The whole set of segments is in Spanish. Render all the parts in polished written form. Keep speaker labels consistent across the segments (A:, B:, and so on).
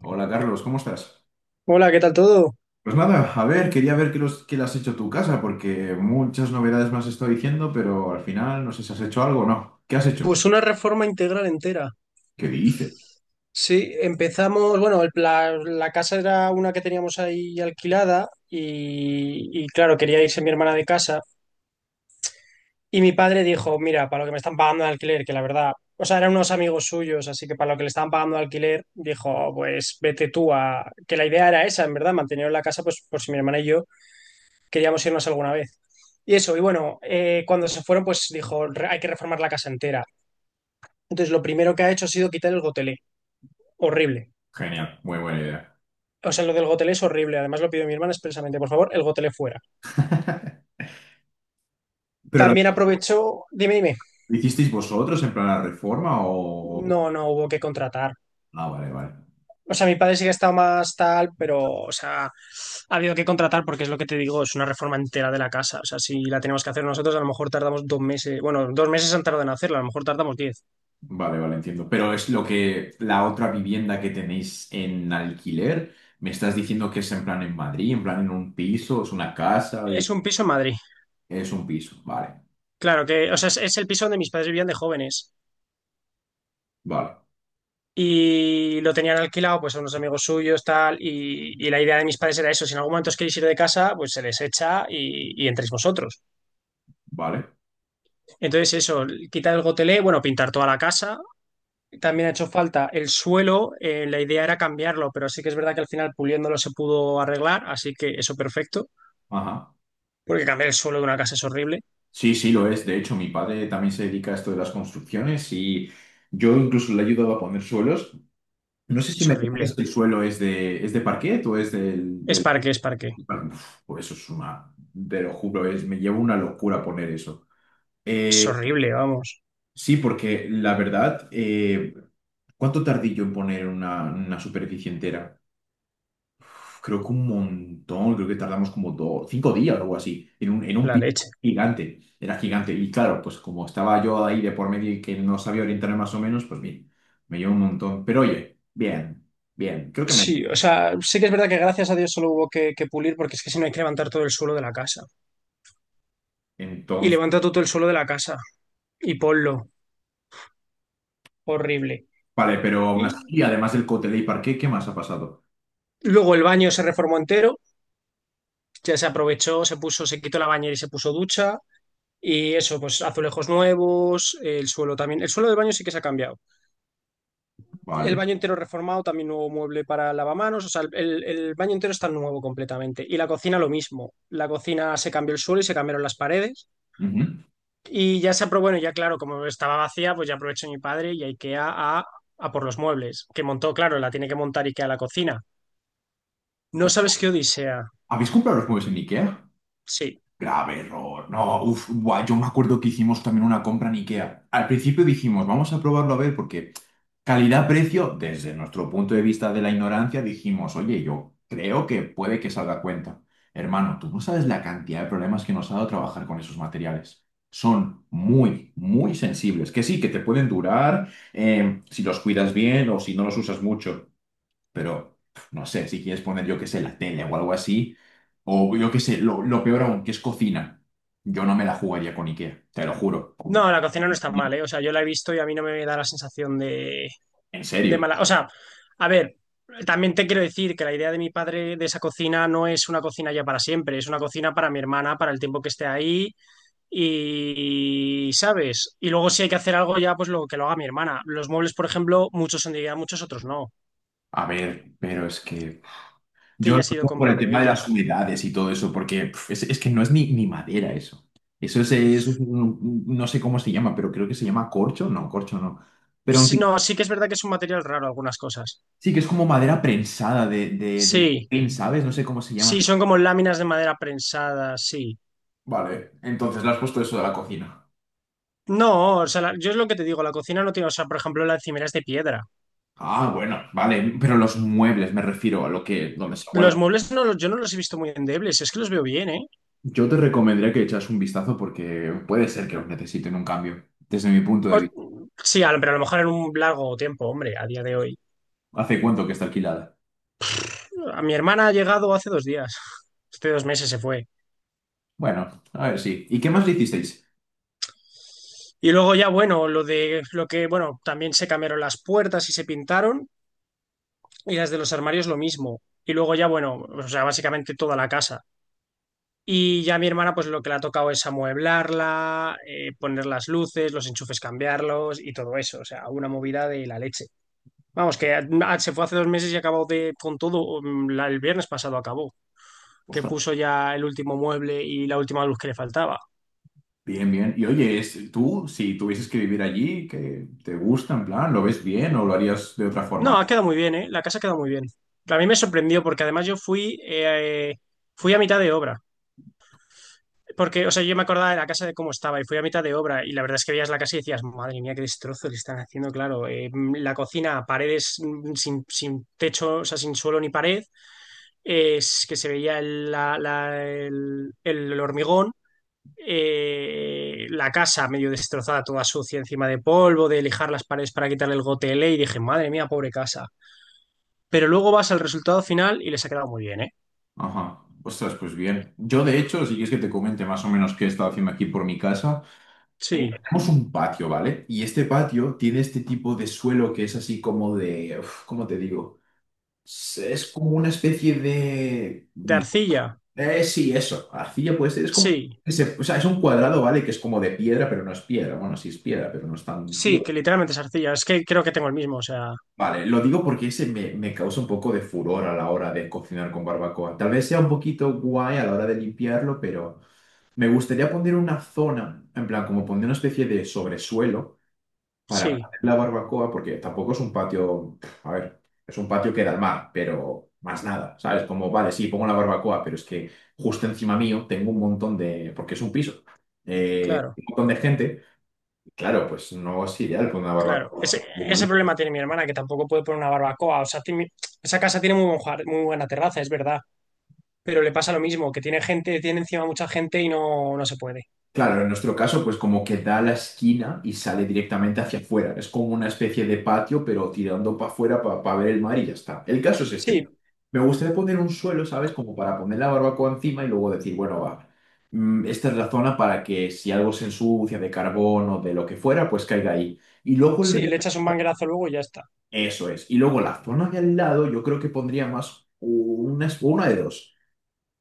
A: Hola Carlos, ¿cómo estás?
B: Hola, ¿qué tal todo?
A: Pues nada, a ver, quería ver qué, los, qué le has hecho a tu casa, porque muchas novedades me has estado diciendo, pero al final no sé si has hecho algo o no. ¿Qué has hecho?
B: Pues una reforma integral entera.
A: ¿Qué dice?
B: Sí, empezamos, bueno, la casa era una que teníamos ahí alquilada y, claro, quería irse mi hermana de casa y mi padre dijo, mira, para lo que me están pagando de alquiler, que la verdad, o sea, eran unos amigos suyos, así que para lo que le estaban pagando de alquiler, dijo, pues que la idea era esa, en verdad, mantener la casa, pues por si mi hermana y yo queríamos irnos alguna vez. Y eso, y bueno, cuando se fueron, pues dijo, "Hay que reformar la casa entera." Entonces, lo primero que ha hecho ha sido quitar el gotelé. Horrible.
A: Genial, muy buena idea.
B: O sea, lo del gotelé es horrible. Además, lo pidió mi hermana expresamente. Por favor, el gotelé fuera.
A: ¿Pero la,
B: También aprovechó. Dime, dime.
A: ¿lo hicisteis vosotros en plan la reforma o...?
B: No, no hubo que contratar.
A: Ah, vale, vale.
B: O sea, mi padre sí que ha estado más tal, pero, o sea, ha habido que contratar porque es lo que te digo, es una reforma entera de la casa. O sea, si la tenemos que hacer nosotros, a lo mejor tardamos 2 meses. Bueno, 2 meses han tardado en hacerla, a lo mejor tardamos 10.
A: Vale, vale, entiendo. Pero es lo que la otra vivienda que tenéis en alquiler, me estás diciendo que es en plan en Madrid, en plan en un piso, es una casa,
B: Es un piso en Madrid.
A: es un piso. Vale,
B: Claro que, o sea, es el piso donde mis padres vivían de jóvenes.
A: vale,
B: Y lo tenían alquilado pues a unos amigos suyos, tal, y la idea de mis padres era eso, si en algún momento os queréis ir de casa, pues se les echa y entréis vosotros.
A: vale.
B: Entonces eso, quitar el gotelé, bueno, pintar toda la casa, también ha hecho falta el suelo, la idea era cambiarlo, pero sí que es verdad que al final puliéndolo se pudo arreglar, así que eso perfecto,
A: Ajá.
B: porque cambiar el suelo de una casa es horrible,
A: Sí, sí, lo es. De hecho, mi padre también se dedica a esto de las construcciones y yo incluso le he ayudado a poner suelos. No sé si
B: es
A: me comentas
B: horrible,
A: que el suelo es de parquet o es del...
B: es
A: del-
B: parque, es parque,
A: Uf, pues eso es una... Te lo juro, es, me lleva una locura poner eso.
B: es
A: Eh,
B: horrible, vamos,
A: sí, porque la verdad, ¿cuánto tardé yo en poner una superficie entera? Creo que un montón, creo que tardamos como dos, cinco días o algo así, en un
B: la
A: piso
B: leche.
A: gigante, era gigante. Y claro, pues como estaba yo ahí de por medio y que no sabía orientarme más o menos, pues bien, me llevó un montón. Pero oye, bien, bien, creo que me...
B: Sí, o sea, sí que es verdad que gracias a Dios solo hubo que pulir porque es que si no hay que levantar todo el suelo de la casa. Y
A: Entonces,
B: levanta todo el suelo de la casa y ponlo. Horrible.
A: vale, pero aún
B: Y
A: así, además del Cotelé y Parque, ¿qué más ha pasado?
B: luego el baño se reformó entero, ya se aprovechó, se puso, se quitó la bañera y se puso ducha. Y eso, pues azulejos nuevos, el suelo también. El suelo del baño sí que se ha cambiado. El
A: Vale.
B: baño entero reformado, también nuevo mueble para lavamanos. O sea, el baño entero está nuevo completamente. Y la cocina lo mismo. La cocina se cambió el suelo y se cambiaron las paredes.
A: Ujú.
B: Y ya se aprobó, bueno, ya claro, como estaba vacía, pues ya aprovechó mi padre y a IKEA a por los muebles. Que montó, claro, la tiene que montar IKEA a la cocina. No
A: Pues,
B: sabes qué odisea.
A: ¿habéis comprado los muebles en Ikea?
B: Sí.
A: Grave error. No, uff, yo me acuerdo que hicimos también una compra en IKEA. Al principio dijimos, vamos a probarlo a ver, porque calidad-precio, desde nuestro punto de vista de la ignorancia, dijimos, oye, yo creo que puede que salga a cuenta. Hermano, tú no sabes la cantidad de problemas que nos ha dado trabajar con esos materiales. Son muy, muy sensibles. Que sí, que te pueden durar si los cuidas bien o si no los usas mucho, pero pf, no sé, si quieres poner, yo qué sé, la tele o algo así, o yo qué sé, lo peor aún, que es cocina, yo no me la jugaría con IKEA, te lo juro, con-
B: No, la cocina no
A: no,
B: está mal,
A: ni-
B: ¿eh? O sea, yo la he visto y a mí no me da la sensación de,
A: en
B: de
A: serio.
B: mala. O sea, a ver, también te quiero decir que la idea de mi padre de esa cocina no es una cocina ya para siempre, es una cocina para mi hermana, para el tiempo que esté ahí y, ¿sabes? Y luego si hay que hacer algo ya, pues lo que lo haga mi hermana. Los muebles, por ejemplo, muchos son de Ikea, muchos otros no,
A: A ver, pero es que
B: que
A: yo
B: ella
A: lo
B: ha ido
A: digo por el
B: comprando
A: tema de las
B: ella.
A: humedades y todo eso, porque pf, es que no es ni, ni madera eso. Eso es un- no sé cómo se llama, pero creo que se llama corcho, no, corcho no. Pero en
B: Sí, no,
A: fin,
B: sí que es verdad que es un material raro algunas cosas.
A: sí que es como madera prensada de, del
B: Sí,
A: pin, ¿sabes? No sé cómo se
B: sí,
A: llama.
B: son como láminas de madera prensadas, sí.
A: Vale, entonces le has puesto eso de la cocina.
B: No, o sea, yo es lo que te digo, la cocina no tiene, o sea, por ejemplo, la encimera es de piedra.
A: Ah, bueno, vale, pero los muebles me refiero a lo que, donde se
B: Los
A: guarda.
B: muebles no los, yo no los he visto muy endebles, es que los veo bien, ¿eh?
A: Yo te recomendaría que echas un vistazo porque puede ser que los necesiten un cambio, desde mi punto de
B: O-
A: vista.
B: sí, pero a lo mejor en un largo tiempo, hombre, a día de hoy.
A: ¿Hace cuánto que está alquilada?
B: A mi hermana ha llegado hace 2 días, hace 2 meses se fue.
A: Bueno, a ver, sí. ¿Y qué más le hicisteis?
B: Y luego ya, bueno, lo de lo que, bueno, también se cambiaron las puertas y se pintaron, y las de los armarios lo mismo. Y luego ya, bueno, o sea, básicamente toda la casa. Y ya mi hermana, pues lo que le ha tocado es amueblarla, poner las luces, los enchufes cambiarlos y todo eso. O sea, una movida de la leche. Vamos, que se fue hace 2 meses y acabó de, con todo. El viernes pasado acabó, que
A: Ostras,
B: puso ya el último mueble y la última luz que le faltaba.
A: bien, bien. Y oye, es- tú, si tuvieses que vivir allí, ¿qué te gusta, en plan, lo ves bien o lo harías de otra
B: No,
A: forma?
B: ha quedado muy bien, ¿eh? La casa ha quedado muy bien. A mí me sorprendió porque además yo fui a mitad de obra. Porque, o sea, yo me acordaba de la casa de cómo estaba y fui a mitad de obra y la verdad es que veías la casa y decías, madre mía, qué destrozo le están haciendo, claro. La cocina, paredes sin techo, o sea, sin suelo ni pared, es que se veía el hormigón, la casa medio destrozada, toda sucia encima de polvo, de lijar las paredes para quitarle el gotele y dije, madre mía, pobre casa. Pero luego vas al resultado final y les ha quedado muy bien, ¿eh?
A: Ajá. Ostras, pues bien. Yo, de hecho, si quieres que te comente más o menos qué he estado haciendo aquí por mi casa.
B: Sí.
A: Tenemos un patio, ¿vale? Y este patio tiene este tipo de suelo que es así como de, uf, ¿cómo te digo? Es como una especie de...
B: De arcilla,
A: Sí, eso, arcilla puede ser, es como...
B: sí.
A: ese- o sea, es un cuadrado, ¿vale? Que es como de piedra, pero no es piedra. Bueno, sí es piedra, pero no es tan
B: Sí,
A: piedra.
B: que literalmente es arcilla. Es que creo que tengo el mismo, o sea,
A: Vale, lo digo porque ese me, me causa un poco de furor a la hora de cocinar con barbacoa. Tal vez sea un poquito guay a la hora de limpiarlo, pero me gustaría poner una zona, en plan, como poner una especie de sobresuelo para
B: sí,
A: poner la barbacoa, porque tampoco es un patio, a ver, es un patio que da al mar, pero más nada, ¿sabes? Como, vale, sí, pongo la barbacoa, pero es que justo encima mío tengo un montón de, porque es un piso,
B: claro,
A: un montón de gente, y claro, pues no es ideal poner una
B: claro.
A: barbacoa.
B: Ese problema tiene mi hermana, que tampoco puede poner una barbacoa. O sea, esa casa tiene muy buen muy buena terraza, es verdad. Pero le pasa lo mismo, que tiene gente, tiene encima mucha gente y no, no se puede.
A: Claro, en nuestro caso, pues como que da la esquina y sale directamente hacia afuera. Es como una especie de patio, pero tirando para afuera para ver el mar y ya está. El caso es este.
B: Sí,
A: Me gustaría poner un suelo, ¿sabes? Como para poner la barbacoa encima y luego decir, bueno, va, mm, esta es la zona para que si algo se ensucia de carbón o de lo que fuera, pues caiga ahí. Y luego el...
B: sí, le
A: re-
B: echas un manguerazo luego y ya está.
A: Eso es. Y luego la zona de al lado, yo creo que pondría más una de dos.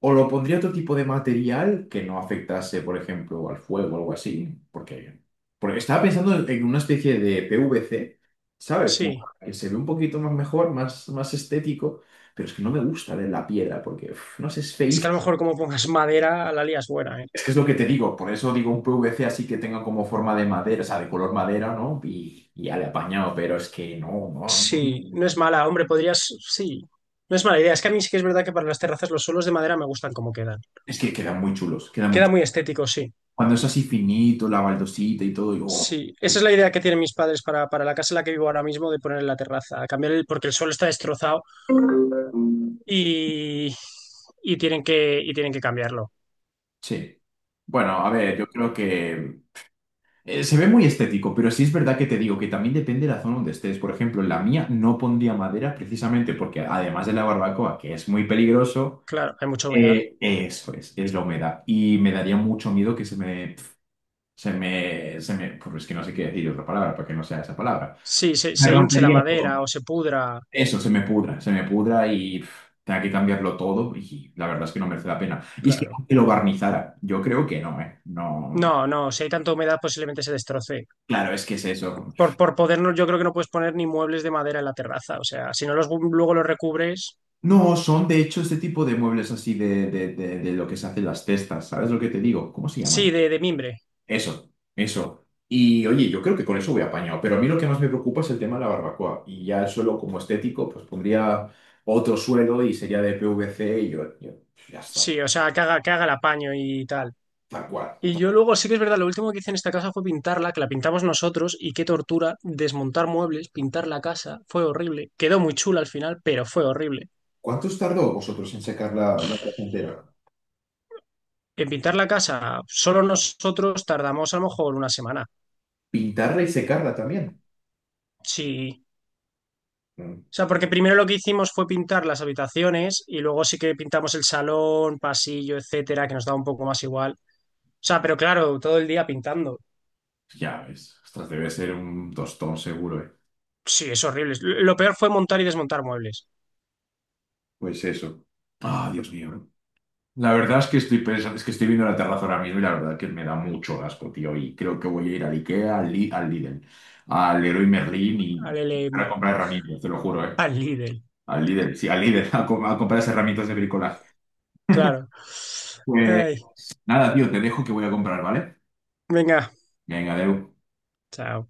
A: O lo pondría otro tipo de material que no afectase, por ejemplo, al fuego o algo así, porque, porque estaba pensando en una especie de PVC, ¿sabes? Como
B: Sí.
A: que se ve un poquito más mejor, más, más estético, pero es que no me gusta de la piedra, porque, uf, no sé, es
B: Es que a
A: feísimo.
B: lo mejor como pongas madera, la lías buena, ¿eh?
A: Es que es lo que te digo, por eso digo un PVC así que tenga como forma de madera, o sea, de color madera, ¿no? Y ya le he apañado, pero es que no, no, no.
B: Sí, no es mala, hombre, podrías. Sí. No es mala idea. Es que a mí sí que es verdad que para las terrazas los suelos de madera me gustan como quedan.
A: Es que quedan muy chulos, quedan muy
B: Queda
A: chulos.
B: muy estético, sí.
A: Cuando es así finito, la baldosita y todo, y, oh.
B: Sí, esa es la idea que tienen mis padres para la casa en la que vivo ahora mismo, de poner en la terraza, cambiar el, porque el suelo está destrozado y, y tienen que cambiarlo.
A: Sí. Bueno, a ver,
B: Pero,
A: yo creo que se ve muy estético, pero sí es verdad que te digo que también depende de la zona donde estés. Por ejemplo, en la mía no pondría madera precisamente porque además de la barbacoa, que es muy peligroso,
B: claro, hay mucha humedad.
A: eso es la humedad. Y me daría mucho miedo que se me, se me, se me, pues es que no sé qué decir otra palabra para que no sea esa palabra.
B: Sí, se,
A: Me
B: se hinche la
A: rompería
B: madera
A: todo.
B: o se pudra,
A: Eso, se me pudra y pf, tenga que cambiarlo todo y la verdad es que no merece la pena. Y es que
B: claro.
A: aunque lo barnizara, yo creo que no, ¿eh?
B: No,
A: No.
B: no, si hay tanta humedad posiblemente se destroce.
A: Claro, es que es eso.
B: Por poder, yo creo que no puedes poner ni muebles de madera en la terraza, o sea, si no los luego los recubres,
A: No, son de hecho este tipo de muebles así de lo que se hacen las cestas. ¿Sabes lo que te digo? ¿Cómo se
B: sí,
A: llaman?
B: de mimbre.
A: Eso, eso. Y oye, yo creo que con eso voy apañado, pero a mí lo que más me preocupa es el tema de la barbacoa. Y ya el suelo como estético, pues pondría otro suelo y sería de PVC y yo, ya está,
B: Sí, o sea, que haga el apaño y tal.
A: tal cual.
B: Y yo luego, sí que es verdad, lo último que hice en esta casa fue pintarla, que la pintamos nosotros, y qué tortura desmontar muebles, pintar la casa, fue horrible. Quedó muy chula al final, pero fue horrible.
A: ¿Cuántos tardó vosotros en secar la, la casa entera?
B: En pintar la casa, solo nosotros tardamos a lo mejor una semana.
A: ¿Pintarla y secarla también?
B: Sí.
A: Mm,
B: O sea, porque primero lo que hicimos fue pintar las habitaciones y luego sí que pintamos el salón, pasillo, etcétera, que nos daba un poco más igual. O sea, pero claro, todo el día pintando.
A: ya ves, ostras, debe ser un tostón seguro, ¿eh?
B: Sí, es horrible. Lo peor fue montar y desmontar muebles.
A: Pues eso. Ah, Dios mío. La verdad es que estoy pensando, es que estoy viendo la terraza ahora mismo y la verdad que me da mucho asco, tío. Y creo que voy a ir al IKEA, al, Li- al Lidl, al Leroy Merlin y
B: Al L
A: para
B: M
A: comprar herramientas, te lo juro, ¿eh?
B: al Lidl,
A: Al Lidl, sí, al Lidl, a, co- a comprar esas herramientas de bricolaje.
B: claro.
A: Pues
B: Ay.
A: nada, tío, te dejo que voy a comprar, ¿vale?
B: Venga,
A: Venga, Deu.
B: chao.